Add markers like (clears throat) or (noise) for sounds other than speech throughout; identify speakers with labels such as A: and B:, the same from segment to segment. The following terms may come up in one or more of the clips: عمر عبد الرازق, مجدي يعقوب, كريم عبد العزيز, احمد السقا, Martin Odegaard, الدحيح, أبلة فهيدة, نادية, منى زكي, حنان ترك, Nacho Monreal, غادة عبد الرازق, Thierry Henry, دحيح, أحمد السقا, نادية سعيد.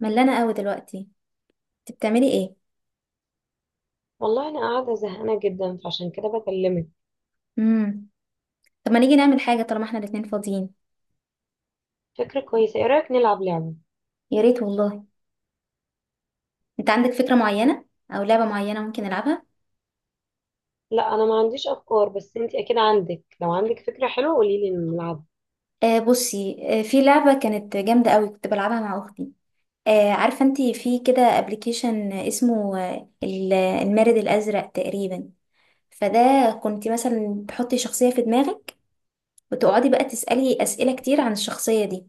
A: ملانة قوي دلوقتي. انت بتعملي ايه؟
B: والله انا قاعده زهقانه جدا، فعشان كده بكلمك.
A: امم طب ما نيجي نعمل حاجة طالما احنا الاتنين فاضيين.
B: فكره كويسه، ايه رايك نلعب لعبه؟
A: يا ريت والله. انت عندك فكرة معينة او لعبة معينة ممكن نلعبها؟
B: لا، انا ما عنديش افكار، بس انت اكيد عندك. لو عندك فكره حلوه قولي لي نلعب.
A: آه بصي، في لعبة كانت جامدة قوي كنت بلعبها مع اختي. آه، عارفة انت في كده ابلكيشن اسمه المارد الازرق تقريبا؟ فده كنت مثلا تحطي شخصية في دماغك وتقعدي بقى تسألي أسئلة كتير عن الشخصية دي.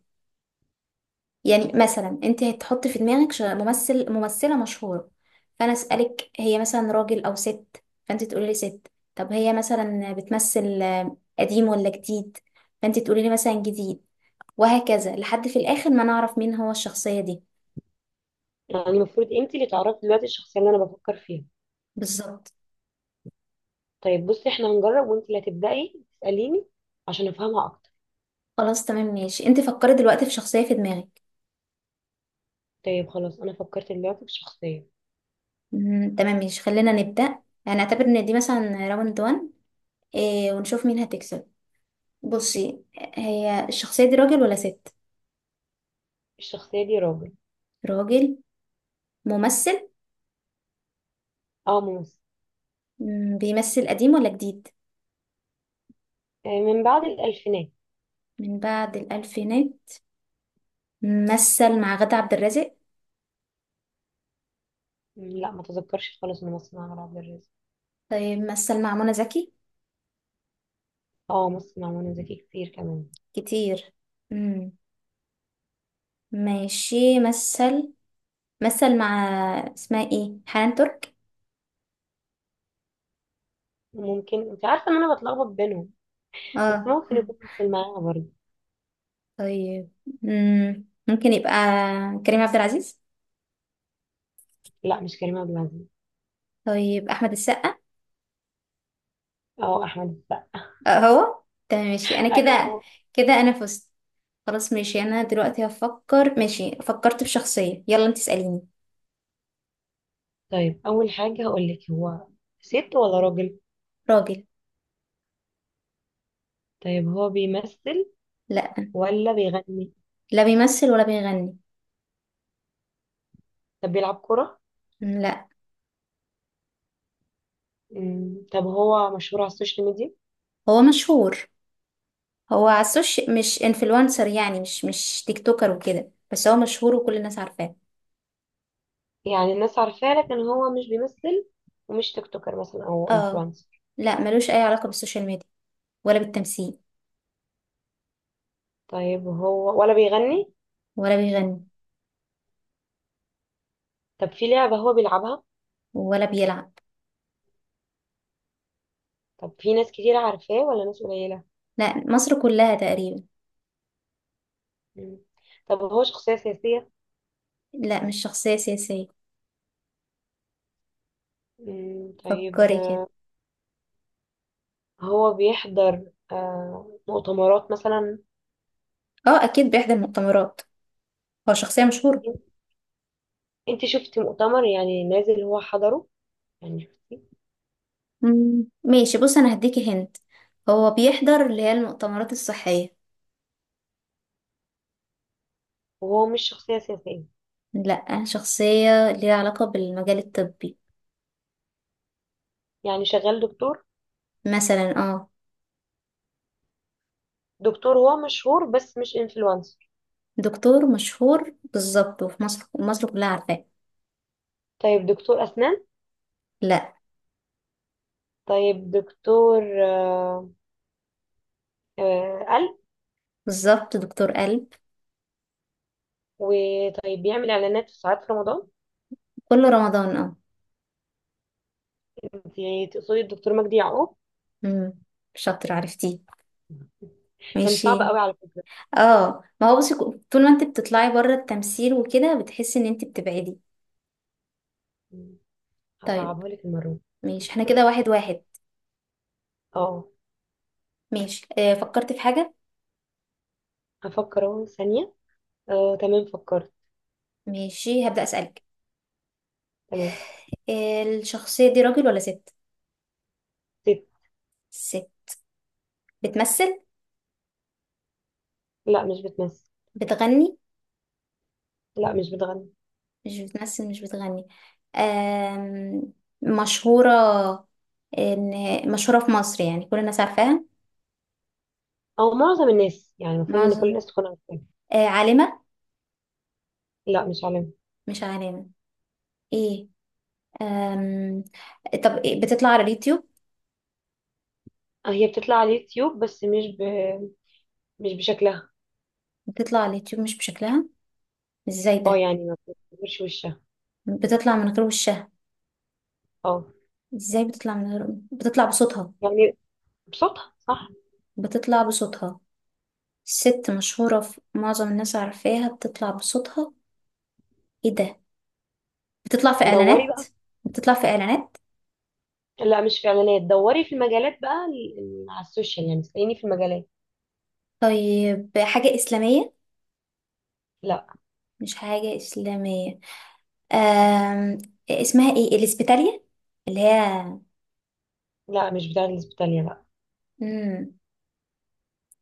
A: يعني مثلا انت هتحطي في دماغك ممثل، ممثلة مشهورة. فانا اسألك هي مثلا راجل او ست، فانت تقولي لي ست. طب هي مثلا بتمثل قديم ولا جديد؟ فانت تقولي لي مثلا جديد. وهكذا لحد في الاخر ما نعرف مين هو الشخصية دي.
B: يعني المفروض انت اللي تعرفي دلوقتي الشخصيه اللي انا بفكر فيها.
A: بالظبط.
B: طيب بصي، احنا هنجرب وانت اللي هتبداي تساليني عشان افهمها اكتر.
A: خلاص تمام ماشي، انت فكري دلوقتي في شخصية في دماغك.
B: طيب خلاص، انا فكرت دلوقتي في شخصيه.
A: تمام ماشي خلينا نبدأ. هنعتبر ان دي مثلا راوند 1. إيه، ونشوف مين هتكسب. بصي، هي الشخصية دي راجل ولا ست؟
B: الشخصيه دي راجل.
A: راجل. ممثل.
B: اه، ممثل.
A: بيمثل قديم ولا جديد؟
B: من بعد الالفينات.
A: من بعد الألفينات. مثل مع غادة عبد الرازق؟
B: مم، لا ما تذكرش خالص، ممثل مع عمر عبد الرازق.
A: طيب مثل مع منى زكي؟
B: اه، ممثل مع منى زكي كتير كمان.
A: كتير. مم. ماشي، مثل، مثل مع، اسمها ايه، حنان ترك؟
B: ممكن انت عارفه ان انا بتلخبط بينهم، بس
A: اه.
B: ممكن يكون ممثل معاها برضه.
A: طيب. مم. ممكن يبقى كريم عبد العزيز؟
B: لا، مش كريم عبد العزيز.
A: طيب أحمد السقا؟
B: اه، احمد السقا.
A: آه هو. تمام ماشي، أنا
B: (laughs)
A: كده.
B: ايوه.
A: كده أنا فزت. خلاص ماشي، أنا دلوقتي هفكر. ماشي فكرت في شخصية، يلا انت اسأليني.
B: طيب، اول حاجه هقول لك، هو ست ولا راجل؟
A: راجل.
B: طيب هو بيمثل
A: لا.
B: ولا بيغني؟
A: لا بيمثل ولا بيغني.
B: طب بيلعب كره؟
A: لا
B: طب هو مشهور على السوشيال ميديا؟
A: هو مشهور. هو على السوشيال مش انفلونسر، يعني مش تيك توكر وكده، بس هو مشهور وكل الناس عارفاه.
B: يعني الناس عارفاه لكن هو مش بيمثل، ومش تيك توكر مثلا او
A: اه.
B: انفلونسر.
A: لا، ملوش اي علاقة بالسوشيال ميديا ولا بالتمثيل.
B: طيب هو ولا بيغني؟
A: ولا بيغني.
B: طب في لعبه هو بيلعبها؟
A: ولا بيلعب.
B: طب في ناس كتير عارفاه ولا ناس قليله؟
A: لا، مصر كلها تقريبا.
B: مم. طب هو شخصيه سياسيه؟
A: لا، مش شخصية سياسية.
B: مم، طيب.
A: فكري كده.
B: هو بيحضر مؤتمرات مثلا؟
A: اه اكيد بيحضر مؤتمرات. هو شخصية مشهورة.
B: انت شفتي مؤتمر يعني نازل هو حضره؟ يعني شفتي؟
A: مم. ماشي بص، انا هديكي هنت. هو بيحضر اللي هي المؤتمرات الصحية.
B: وهو مش شخصية سياسية؟
A: لا، شخصية ليها علاقة بالمجال الطبي.
B: يعني شغال دكتور؟
A: مثلا اه.
B: دكتور هو مشهور بس مش انفلونسر.
A: دكتور مشهور بالظبط، وفي مصر كلها عارفاه.
B: طيب، دكتور أسنان؟
A: لا.
B: طيب، دكتور قلب؟
A: بالظبط، دكتور قلب.
B: وطيب بيعمل إعلانات في ساعات في رمضان؟
A: كل رمضان اه.
B: انت تقصدي الدكتور مجدي يعقوب؟
A: امم. شاطر، عرفتيه.
B: كان صعب
A: ماشي.
B: قوي على فكرة.
A: اه ما هو بصي، طول ما انت بتطلعي بره التمثيل وكده بتحسي ان انت بتبعدي. طيب.
B: هصعبها لك المرة دي.
A: ماشي احنا كده
B: (laughs)
A: واحد واحد.
B: اه.
A: ماشي آه فكرت في حاجة.
B: هفكر اهو ثانية. اه، تمام، فكرت.
A: ماشي هبدأ أسألك.
B: تمام.
A: آه الشخصية دي راجل ولا ست؟ ست. بتمثل؟
B: لا، مش بتمثل.
A: بتغني؟
B: لا، مش بتغني.
A: مش بتمثل مش بتغني. آم، مشهورة؟ إن مشهورة في مصر يعني كل الناس عارفاها؟
B: او معظم الناس، يعني المفروض ان كل
A: معظم.
B: الناس تكون عارفاها.
A: عالمة؟
B: لا، مش عالمة.
A: مش عالمة. إيه؟ آم، طب إيه؟ بتطلع على اليوتيوب؟
B: هي بتطلع على اليوتيوب بس مش بشكلها.
A: بتطلع على اليوتيوب مش بشكلها. إزاي
B: اه،
A: ده؟
B: يعني ما بتظهرش وشها.
A: بتطلع من غير وشها.
B: اه.
A: إزاي بتطلع من غير؟ بتطلع بصوتها.
B: يعني، بصوتها صح.
A: بتطلع بصوتها. ست مشهورة في معظم الناس عارفاها، بتطلع بصوتها. إيه ده؟ بتطلع في
B: دوري
A: إعلانات؟
B: بقى.
A: بتطلع في إعلانات؟
B: لا، مش في اعلانات، دوري في المجالات بقى على السوشيال، يعني اسأليني في المجالات.
A: طيب حاجة إسلامية؟
B: لا.
A: مش حاجة إسلامية. أم... اسمها إيه، الإسبيتالية اللي هي.
B: لا، مش بتاع الاسبيتاليا، لا.
A: مم.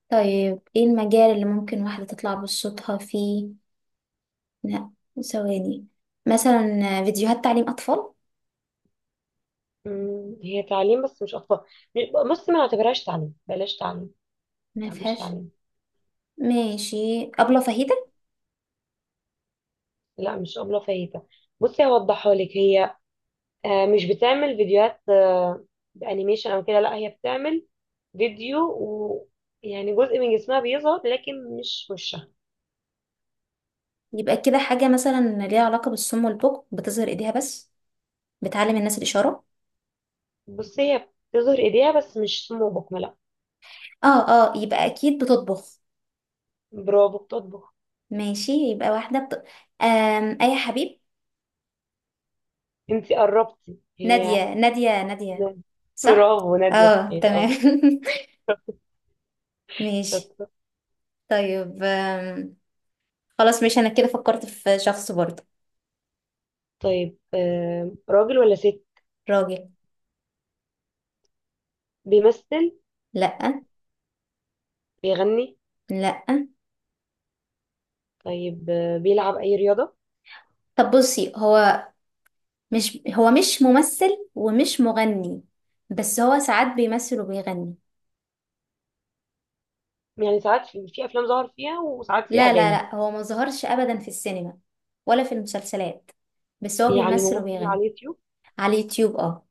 A: طيب إيه المجال اللي ممكن واحدة تطلع بصوتها فيه؟ لا. ثواني. مثلا فيديوهات تعليم أطفال؟
B: هي تعليم بس مش اطفال. بصي، ما نعتبرهاش تعليم، بلاش تعليم.
A: ما
B: لا، مش
A: فيهاش.
B: تعليم.
A: ماشي، أبلة فهيدة؟
B: لا، مش ابله فايته. بصي، هوضحها لك. هي مش بتعمل فيديوهات بانيميشن او كده، لا هي بتعمل فيديو و... يعني جزء من جسمها بيظهر لكن مش وشها.
A: يبقى كده حاجة مثلا ليها علاقة بالصم والبكم، بتظهر إيديها بس، بتعلم الناس الإشارة.
B: بصي، هي بتظهر ايديها بس، مش سمو بكمة، لا.
A: اه اه، يبقى أكيد بتطبخ.
B: برافو، بتطبخ.
A: ماشي، يبقى واحدة أي حبيب.
B: انتي قربتي، هي.
A: نادية، نادية، نادية.
B: (laughs)
A: صح.
B: برافو، نادية
A: اه
B: سعيد،
A: تمام.
B: اه.
A: (laughs) ماشي.
B: شاطرة.
A: طيب خلاص ماشي، انا كده فكرت في شخص برضه.
B: طيب، راجل ولا ست؟
A: راجل.
B: بيمثل؟
A: لا.
B: بيغني؟
A: لا.
B: طيب، بيلعب اي رياضة؟
A: طب بصي هو، مش ممثل ومش مغني، بس هو ساعات بيمثل وبيغني.
B: يعني ساعات في افلام ظهر فيها، وساعات في
A: لا لا
B: اغاني؟
A: لا، هو ما ظهرش ابدا في السينما ولا في المسلسلات، بس هو
B: يعني
A: بيمثل
B: ممثل
A: وبيغني
B: على اليوتيوب؟
A: على اليوتيوب. اه،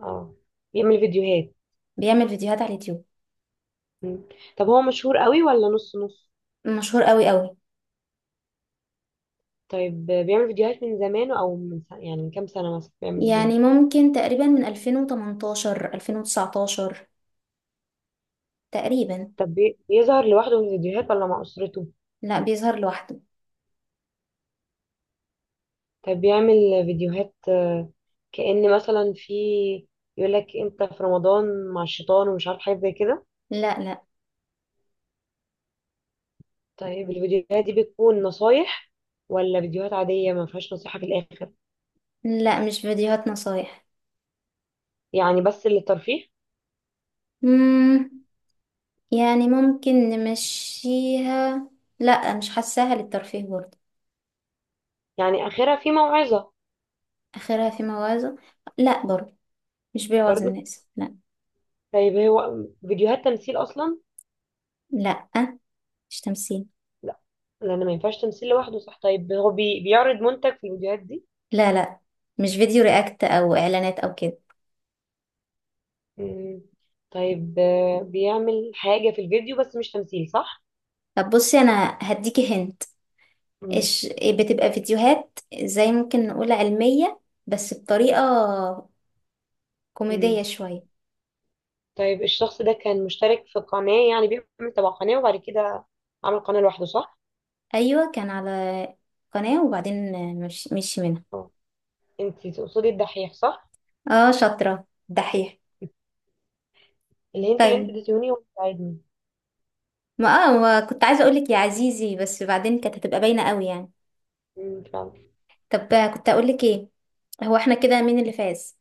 B: اه. بيعمل فيديوهات؟
A: بيعمل فيديوهات على اليوتيوب.
B: مم. طب هو مشهور قوي ولا نص نص؟
A: مشهور قوي قوي.
B: طيب، بيعمل فيديوهات من زمان او من سنة، يعني من كام سنة مثلا بيعمل فيديوهات؟
A: يعني ممكن تقريبا من 2018 2019 تقريبا.
B: طب بيظهر لوحده في الفيديوهات ولا مع أسرته؟
A: لا، بيظهر لوحده.
B: طب بيعمل فيديوهات كأن مثلا في، يقول لك انت في رمضان مع الشيطان ومش عارف حاجة زي كده؟
A: لا لا
B: طيب، الفيديوهات دي بتكون نصايح ولا فيديوهات عادية ما فيهاش نصيحة في الآخر؟
A: لا، مش فيديوهات نصايح.
B: يعني بس للترفيه؟
A: مم. يعني ممكن نمشيها. لا، مش حاساها للترفيه برضه.
B: يعني آخرها في موعظة؟
A: اخرها في موازة. لا برضه. مش بيوعظ
B: برضه؟
A: الناس، لا.
B: طيب هو فيديوهات تمثيل أصلا؟
A: لا. مش تمثيل.
B: لا. لان ما ينفعش تمثيل لوحده، صح. طيب، هو بيعرض منتج في الفيديوهات دي؟
A: لا لا، مش فيديو رياكت او اعلانات او كده.
B: مم. طيب، بيعمل حاجة في الفيديو بس مش تمثيل، صح؟
A: طب بصي، انا هديكي هنت.
B: مم.
A: إش بتبقى فيديوهات زي ممكن نقول علمية، بس بطريقة
B: مم.
A: كوميدية شوية.
B: طيب، الشخص ده كان مشترك في قناة، يعني بيعمل تبع قناة، وبعد كده عمل قناة لوحده، صح؟
A: ايوه، كان على قناة وبعدين، مش منها.
B: اه. انت تقصدي الدحيح، صح؟
A: اه. شاطرة، دحيح.
B: الهنت اللي انت
A: طيب.
B: اديتيهوني هو ساعدني.
A: ما اه ما كنت عايزة اقولك يا عزيزي، بس بعدين كانت هتبقى باينة قوي يعني.
B: مم، فعلا.
A: طب كنت اقولك ايه. هو احنا كده مين اللي فاز؟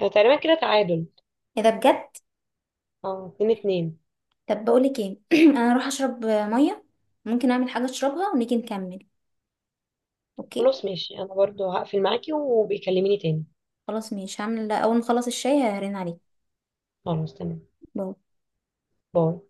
B: تقريبا كده تعادل.
A: ايه ده بجد؟
B: اه، 2-2.
A: طب بقولك ايه (clears throat) انا اروح اشرب مية. ممكن اعمل حاجة اشربها ونيجي نكمل. اوكي.
B: خلاص ماشي، انا برضو هقفل معاكي وبيكلميني تاني.
A: خلاص ماشي، هعمل اول ما اخلص الشاي هرن عليك.
B: خلاص، تمام.
A: باي.
B: باي.